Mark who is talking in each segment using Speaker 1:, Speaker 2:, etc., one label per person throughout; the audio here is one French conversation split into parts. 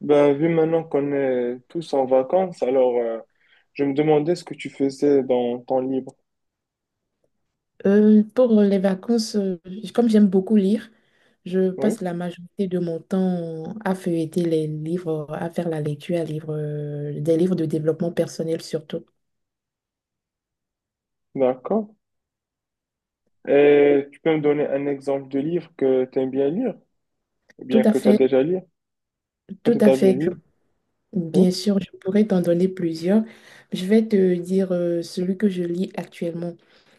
Speaker 1: Ben, vu maintenant qu'on est tous en vacances, alors je me demandais ce que tu faisais dans ton livre.
Speaker 2: Pour les vacances, comme j'aime beaucoup lire, je passe
Speaker 1: Oui,
Speaker 2: la majorité de mon temps à feuilleter les livres, à faire la lecture, à livre, des livres de développement personnel surtout.
Speaker 1: d'accord. Et tu peux me donner un exemple de livre que tu aimes bien lire, ou
Speaker 2: Tout
Speaker 1: bien
Speaker 2: à
Speaker 1: que tu as
Speaker 2: fait,
Speaker 1: déjà lu, que
Speaker 2: tout
Speaker 1: tu
Speaker 2: à
Speaker 1: as déjà
Speaker 2: fait.
Speaker 1: lu.
Speaker 2: Bien
Speaker 1: Oui.
Speaker 2: sûr, je pourrais t'en donner plusieurs. Je vais te dire celui que je lis actuellement.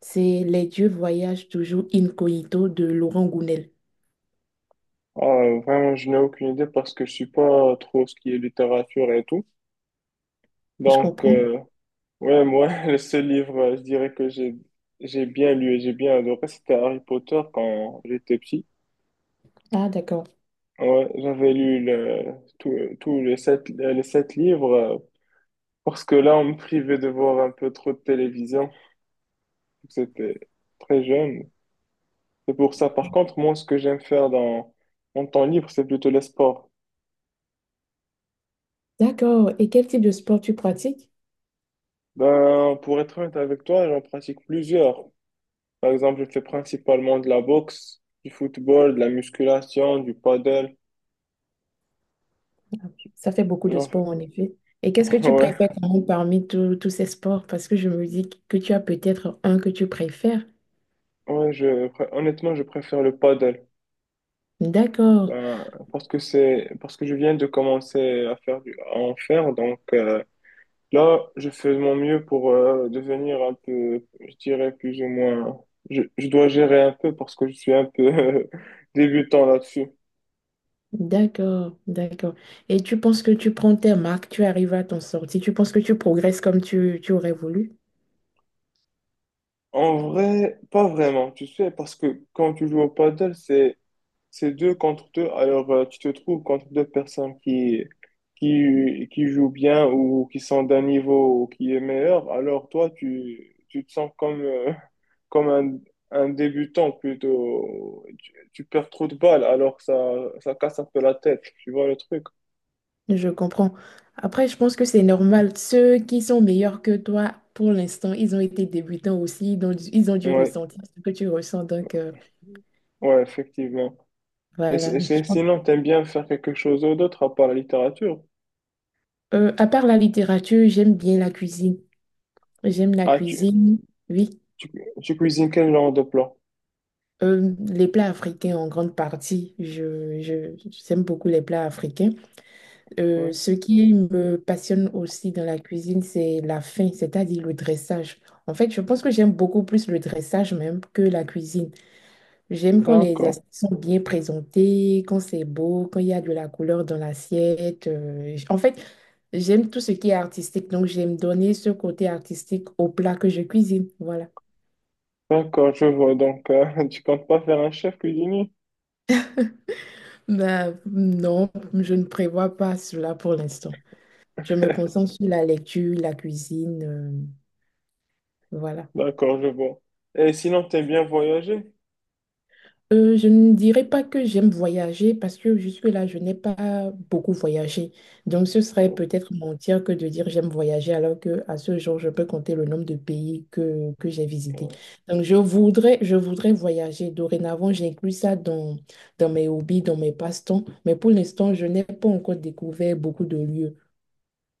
Speaker 2: C'est Les dieux voyagent toujours incognito de Laurent Gounel.
Speaker 1: Ah, vraiment, je n'ai aucune idée parce que je suis pas trop ce qui est littérature et tout.
Speaker 2: Je
Speaker 1: Donc,
Speaker 2: comprends?
Speaker 1: ouais, moi, le seul livre, je dirais que j'ai bien lu et j'ai bien adoré, c'était Harry Potter quand j'étais petit.
Speaker 2: Ah, d'accord.
Speaker 1: Ouais, j'avais lu tout les sept livres parce que là, on me privait de voir un peu trop de télévision. C'était très jeune. C'est pour ça. Par contre, moi, ce que j'aime faire dans mon temps libre, c'est plutôt les sports.
Speaker 2: D'accord. Et quel type de sport tu pratiques?
Speaker 1: Ben, pour être honnête avec toi, j'en pratique plusieurs. Par exemple, je fais principalement de la boxe, du football, de la musculation, du paddle.
Speaker 2: Ça fait beaucoup de
Speaker 1: J'en fais-
Speaker 2: sport, en effet. Et qu'est-ce que tu
Speaker 1: Ouais,
Speaker 2: préfères quand même parmi tous ces sports? Parce que je me dis que tu as peut-être un que tu préfères.
Speaker 1: ouais, je, honnêtement, je préfère le paddle.
Speaker 2: D'accord,
Speaker 1: Ben, parce que je viens de commencer à faire à en faire donc là je fais de mon mieux pour devenir un peu je dirais plus ou moins je dois gérer un peu parce que je suis un peu débutant là-dessus.
Speaker 2: d'accord, d'accord. Et tu penses que tu prends tes marques, tu arrives à t'en sortir, tu penses que tu progresses comme tu aurais voulu?
Speaker 1: En vrai, pas vraiment, tu sais, parce que quand tu joues au paddle, c'est 2 contre 2, alors tu te trouves contre deux personnes qui jouent bien ou qui sont d'un niveau ou qui est meilleur, alors toi, tu te sens comme, comme un débutant plutôt. Tu perds trop de balles, alors que ça casse un peu la tête, tu vois le truc?
Speaker 2: Je comprends. Après, je pense que c'est normal. Ceux qui sont meilleurs que toi, pour l'instant, ils ont été débutants aussi, donc ils ont dû
Speaker 1: Ouais,
Speaker 2: ressentir ce que tu ressens. Donc,
Speaker 1: ouais, effectivement. Et,
Speaker 2: voilà.
Speaker 1: sinon, t'aimes bien faire quelque chose d'autre à part la littérature?
Speaker 2: À part la littérature, j'aime bien la cuisine. J'aime la
Speaker 1: Ah,
Speaker 2: cuisine, oui.
Speaker 1: tu, tu cuisines quel genre de plat?
Speaker 2: Les plats africains en grande partie. J'aime beaucoup les plats africains.
Speaker 1: Ouais,
Speaker 2: Ce qui me passionne aussi dans la cuisine, c'est la fin, c'est-à-dire le dressage. En fait, je pense que j'aime beaucoup plus le dressage même que la cuisine. J'aime quand les
Speaker 1: d'accord.
Speaker 2: assiettes sont bien présentées, quand c'est beau, quand il y a de la couleur dans l'assiette. En fait, j'aime tout ce qui est artistique. Donc, j'aime donner ce côté artistique au plat que je cuisine. Voilà.
Speaker 1: D'accord, je vois. Donc, tu comptes pas faire un chef cuisinier?
Speaker 2: Ben, non, je ne prévois pas cela pour l'instant. Je me concentre sur la lecture, la cuisine, voilà.
Speaker 1: D'accord, je vois. Et sinon, t'aimes bien voyager?
Speaker 2: Je ne dirais pas que j'aime voyager parce que jusque-là, je n'ai pas beaucoup voyagé. Donc, ce serait
Speaker 1: Oh,
Speaker 2: peut-être mentir que de dire j'aime voyager alors que à ce jour, je peux compter le nombre de pays que j'ai visités.
Speaker 1: ouais,
Speaker 2: Donc, je voudrais voyager. Dorénavant, j'inclus ça dans, dans mes hobbies, dans mes passe-temps. Mais pour l'instant, je n'ai pas encore découvert beaucoup de lieux.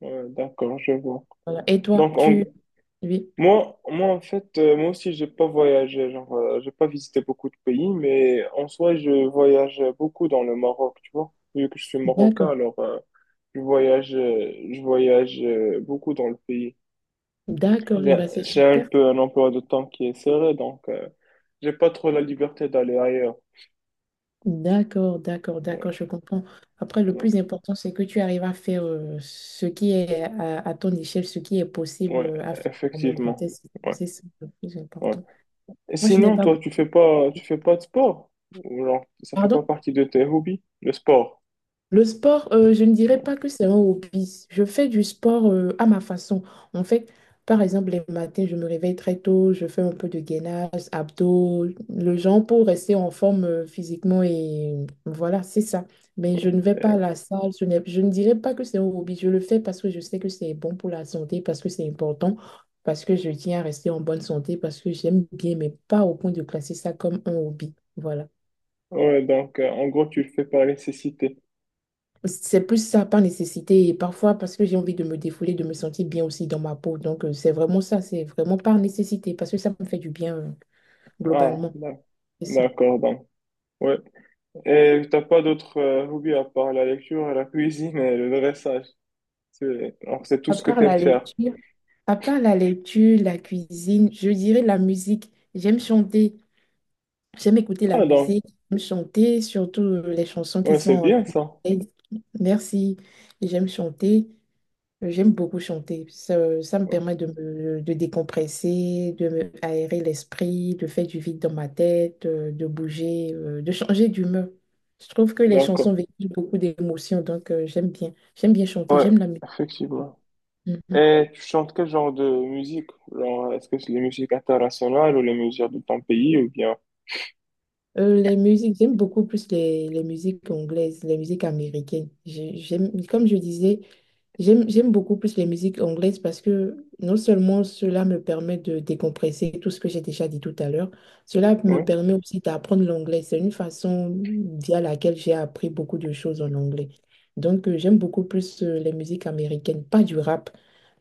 Speaker 1: ouais, d'accord, je vois.
Speaker 2: Voilà. Et toi,
Speaker 1: Donc,
Speaker 2: tu, Oui,
Speaker 1: moi, en fait, moi aussi, j'ai pas voyagé. Genre, j'ai pas visité beaucoup de pays, mais en soi, je voyage beaucoup dans le Maroc, tu vois. Vu que je suis marocain,
Speaker 2: d'accord,
Speaker 1: alors, je voyage beaucoup dans le pays.
Speaker 2: d'accord,
Speaker 1: J'ai,
Speaker 2: bah c'est
Speaker 1: j'ai un
Speaker 2: super.
Speaker 1: peu un emploi de temps qui est serré, donc, j'ai pas trop la liberté d'aller ailleurs.
Speaker 2: D'accord, d'accord, d'accord,
Speaker 1: Ouais.
Speaker 2: je comprends. Après, le
Speaker 1: Ouais.
Speaker 2: plus important, c'est que tu arrives à faire ce qui est à ton échelle, ce qui est possible
Speaker 1: Ouais,
Speaker 2: à faire quand même dans
Speaker 1: effectivement.
Speaker 2: tes
Speaker 1: Ouais,
Speaker 2: circonstances. C'est ça le plus
Speaker 1: ouais.
Speaker 2: important.
Speaker 1: Et
Speaker 2: Moi, je n'ai
Speaker 1: sinon,
Speaker 2: pas...
Speaker 1: toi, tu fais pas de sport? Ou genre, ça fait pas
Speaker 2: Pardon?
Speaker 1: partie de tes hobbies, le sport?
Speaker 2: Le sport, je ne dirais
Speaker 1: Ouais.
Speaker 2: pas que c'est un hobby. Je fais du sport à ma façon. En fait, par exemple, les matins, je me réveille très tôt, je fais un peu de gainage, abdos, le genre pour rester en forme physiquement et voilà, c'est ça. Mais je ne vais pas à la salle, je ne dirais pas que c'est un hobby. Je le fais parce que je sais que c'est bon pour la santé, parce que c'est important, parce que je tiens à rester en bonne santé, parce que j'aime bien, mais pas au point de classer ça comme un hobby. Voilà.
Speaker 1: Ouais, donc, en gros, tu le fais par nécessité.
Speaker 2: C'est plus ça par nécessité et parfois parce que j'ai envie de me défouler, de me sentir bien aussi dans ma peau. Donc, c'est vraiment ça, c'est vraiment par nécessité parce que ça me fait du bien
Speaker 1: Ah,
Speaker 2: globalement. C'est ça.
Speaker 1: d'accord, donc. Ouais. Et t'as pas d'autres hobbies à part la lecture, la cuisine et le dressage. Alors, c'est tout
Speaker 2: À
Speaker 1: ce que
Speaker 2: part
Speaker 1: t'aimes
Speaker 2: la
Speaker 1: faire.
Speaker 2: lecture, à part la lecture, la cuisine, je dirais la musique. J'aime chanter, j'aime écouter la
Speaker 1: Ah, donc,
Speaker 2: musique, j'aime chanter, surtout les chansons qui
Speaker 1: ouais,
Speaker 2: sont
Speaker 1: c'est
Speaker 2: en langue
Speaker 1: bien ça.
Speaker 2: anglaise. Merci. J'aime chanter. J'aime beaucoup chanter. Ça me
Speaker 1: Ouais,
Speaker 2: permet de me de décompresser, de me aérer l'esprit, de faire du vide dans ma tête, de bouger, de changer d'humeur. Je trouve que les
Speaker 1: d'accord.
Speaker 2: chansons véhiculent beaucoup d'émotions, donc j'aime bien. J'aime bien chanter,
Speaker 1: Ouais,
Speaker 2: j'aime la musique.
Speaker 1: effectivement.
Speaker 2: Mhm.
Speaker 1: Et tu chantes quel genre de musique? Genre, est-ce que c'est les musiques internationales ou les musiques de ton pays ou bien...
Speaker 2: Les musiques, j'aime beaucoup plus les musiques anglaises, les musiques américaines. J'aime, comme je disais, j'aime beaucoup plus les musiques anglaises parce que non seulement cela me permet de décompresser tout ce que j'ai déjà dit tout à l'heure, cela me
Speaker 1: Oui,
Speaker 2: permet aussi d'apprendre l'anglais. C'est une façon via laquelle j'ai appris beaucoup de choses en anglais. Donc, j'aime beaucoup plus les musiques américaines, pas du rap,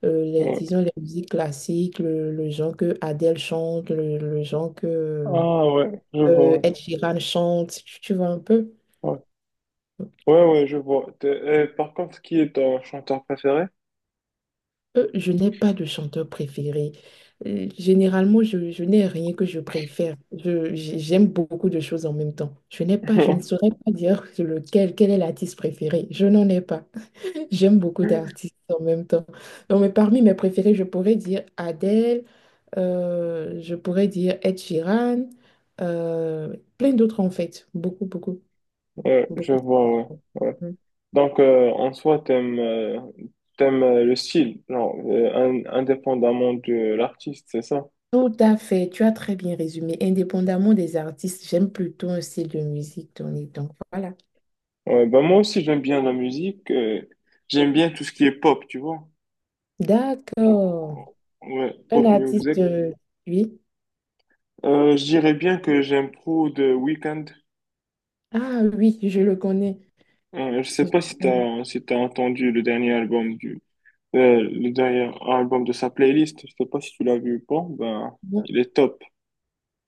Speaker 1: ouais.
Speaker 2: disons les musiques classiques, le genre que Adele chante, le genre que
Speaker 1: Ah ouais, je vois.
Speaker 2: Ed Sheeran chante, tu vois un peu.
Speaker 1: Ouais, ouais. Ouais, ouais, je vois. T'es- par contre, qui est ton chanteur préféré?
Speaker 2: Je n'ai pas de chanteur préféré. Généralement, je n'ai rien que je préfère. J'aime beaucoup de choses en même temps. Je n'ai pas, je ne saurais pas dire lequel, quel est l'artiste préféré. Je n'en ai pas. J'aime beaucoup d'artistes en même temps. Donc, mais parmi mes préférés, je pourrais dire Adele, je pourrais dire Ed Sheeran, plein d'autres en fait. Beaucoup, beaucoup,
Speaker 1: Ouais, je
Speaker 2: beaucoup.
Speaker 1: vois, ouais. Ouais. Donc, en soi, t'aimes le style, non, indépendamment de l'artiste, c'est ça?
Speaker 2: Tout à fait, tu as très bien résumé. Indépendamment des artistes, j'aime plutôt un style de musique donné. Donc voilà.
Speaker 1: Ouais, bah moi aussi, j'aime bien la musique. J'aime bien tout ce qui est pop, tu vois.
Speaker 2: D'accord.
Speaker 1: Genre, ouais,
Speaker 2: Un
Speaker 1: pop
Speaker 2: artiste,
Speaker 1: music.
Speaker 2: oui.
Speaker 1: Je dirais bien que j'aime trop The Weeknd.
Speaker 2: Ah oui, je le connais.
Speaker 1: Je sais
Speaker 2: Je
Speaker 1: pas
Speaker 2: le
Speaker 1: si
Speaker 2: connais.
Speaker 1: t'as entendu le dernier album du le dernier album de sa playlist. Je sais pas si tu l'as vu ou pas. Ben,
Speaker 2: Non,
Speaker 1: il est top.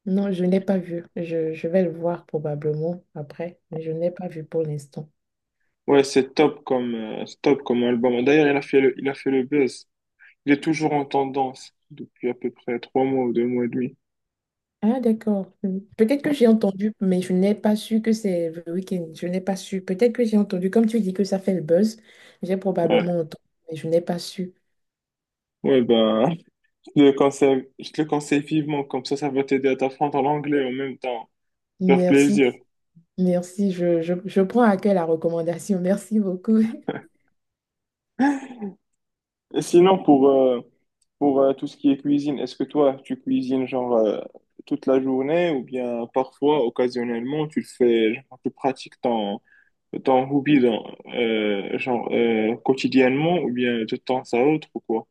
Speaker 2: non, je n'ai pas vu. Je vais le voir probablement après, mais je n'ai pas vu pour l'instant.
Speaker 1: Ouais, c'est top comme album. D'ailleurs, il a fait le buzz. Il est toujours en tendance depuis à peu près 3 mois ou 2 mois et demi.
Speaker 2: Ah d'accord. Hmm. Peut-être que j'ai entendu, mais je n'ai pas su que c'est The Weeknd. Je n'ai pas su. Peut-être que j'ai entendu, comme tu dis que ça fait le buzz, j'ai
Speaker 1: Ouais.
Speaker 2: probablement entendu, mais je n'ai pas su.
Speaker 1: Ouais, bah, je te le conseille vivement. Comme ça va t'aider à t'apprendre l'anglais en même temps. Faire
Speaker 2: Merci.
Speaker 1: plaisir.
Speaker 2: Merci, je prends à cœur la recommandation. Merci beaucoup.
Speaker 1: Et sinon, pour tout ce qui est cuisine, est-ce que toi, tu cuisines genre toute la journée ou bien parfois, occasionnellement, tu le fais, genre, tu pratiques ton hobby dans, genre, quotidiennement ou bien de temps à autre ou quoi?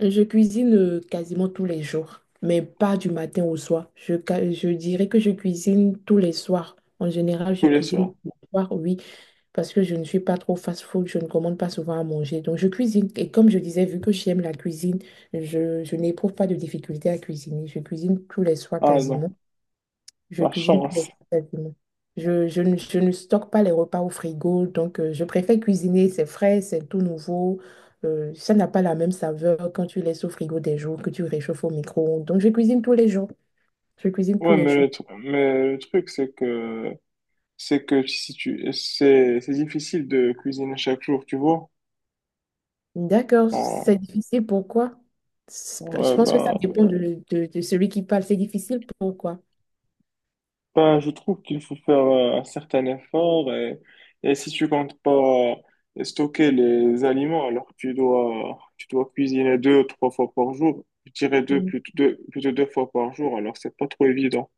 Speaker 2: Je cuisine quasiment tous les jours, mais pas du matin au soir. Je dirais que je cuisine tous les soirs. En général, je
Speaker 1: Oui, bien
Speaker 2: cuisine
Speaker 1: sûr.
Speaker 2: tous les soirs, oui, parce que je ne suis pas trop fast-food, je ne commande pas souvent à manger. Donc, je cuisine. Et comme je disais, vu que j'aime la cuisine, je n'éprouve pas de difficulté à cuisiner. Je cuisine tous les soirs
Speaker 1: Ah non,
Speaker 2: quasiment. Je
Speaker 1: la
Speaker 2: cuisine tous les
Speaker 1: chance.
Speaker 2: repas quasiment. Je ne stocke pas les repas au frigo, donc je préfère cuisiner, c'est frais, c'est tout nouveau. Ça n'a pas la même saveur quand tu laisses au frigo des jours, que tu réchauffes au micro-ondes. Donc je cuisine tous les jours. Je cuisine tous
Speaker 1: Ouais,
Speaker 2: les
Speaker 1: mais le,
Speaker 2: jours.
Speaker 1: tru- mais le truc, c'est que si tu, c'est difficile de cuisiner chaque jour, tu vois.
Speaker 2: D'accord, c'est
Speaker 1: Euh,
Speaker 2: difficile, pourquoi? Je
Speaker 1: ouais,
Speaker 2: pense que ça
Speaker 1: ben,
Speaker 2: dépend de celui qui parle. C'est difficile, pourquoi?
Speaker 1: ben, je trouve qu'il faut faire un certain effort et si tu comptes pas stocker les aliments, alors tu dois cuisiner 2, 3 fois par jour. Je dirais deux, plutôt deux, plutôt 2 fois par jour, alors c'est pas trop évident.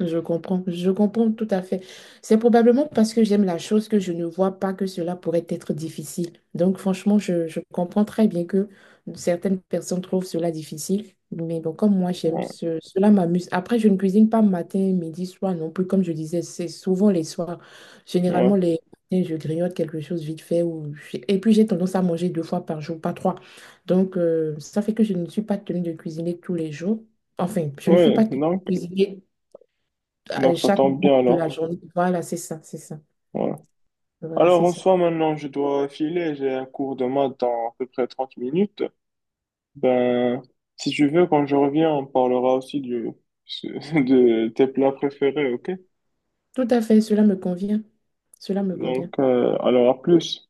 Speaker 2: Je comprends tout à fait. C'est probablement parce que j'aime la chose que je ne vois pas que cela pourrait être difficile. Donc, franchement, je comprends très bien que certaines personnes trouvent cela difficile. Mais bon, comme moi,
Speaker 1: Ouais,
Speaker 2: cela m'amuse. Après, je ne cuisine pas matin, midi, soir non plus. Comme je disais, c'est souvent les soirs.
Speaker 1: ouais,
Speaker 2: Généralement, les matins, je grignote quelque chose vite fait. Ou... Et puis, j'ai tendance à manger deux fois par jour, pas trois. Donc, ça fait que je ne suis pas tenue de cuisiner tous les jours. Enfin, je ne suis pas
Speaker 1: ouais,
Speaker 2: tenue de
Speaker 1: donc,
Speaker 2: cuisiner à
Speaker 1: donc ça
Speaker 2: chaque
Speaker 1: tombe
Speaker 2: moment
Speaker 1: bien
Speaker 2: de la
Speaker 1: alors.
Speaker 2: journée. Voilà, c'est ça, c'est ça.
Speaker 1: Ouais.
Speaker 2: Voilà,
Speaker 1: Alors,
Speaker 2: c'est
Speaker 1: en
Speaker 2: ça.
Speaker 1: soi, maintenant, je dois filer. J'ai un cours de maths dans à peu près 30 minutes. Ben, si tu veux, quand je reviens, on parlera aussi de tes plats préférés, ok?
Speaker 2: Tout à fait, cela me convient. Cela me
Speaker 1: Donc,
Speaker 2: convient.
Speaker 1: alors à plus.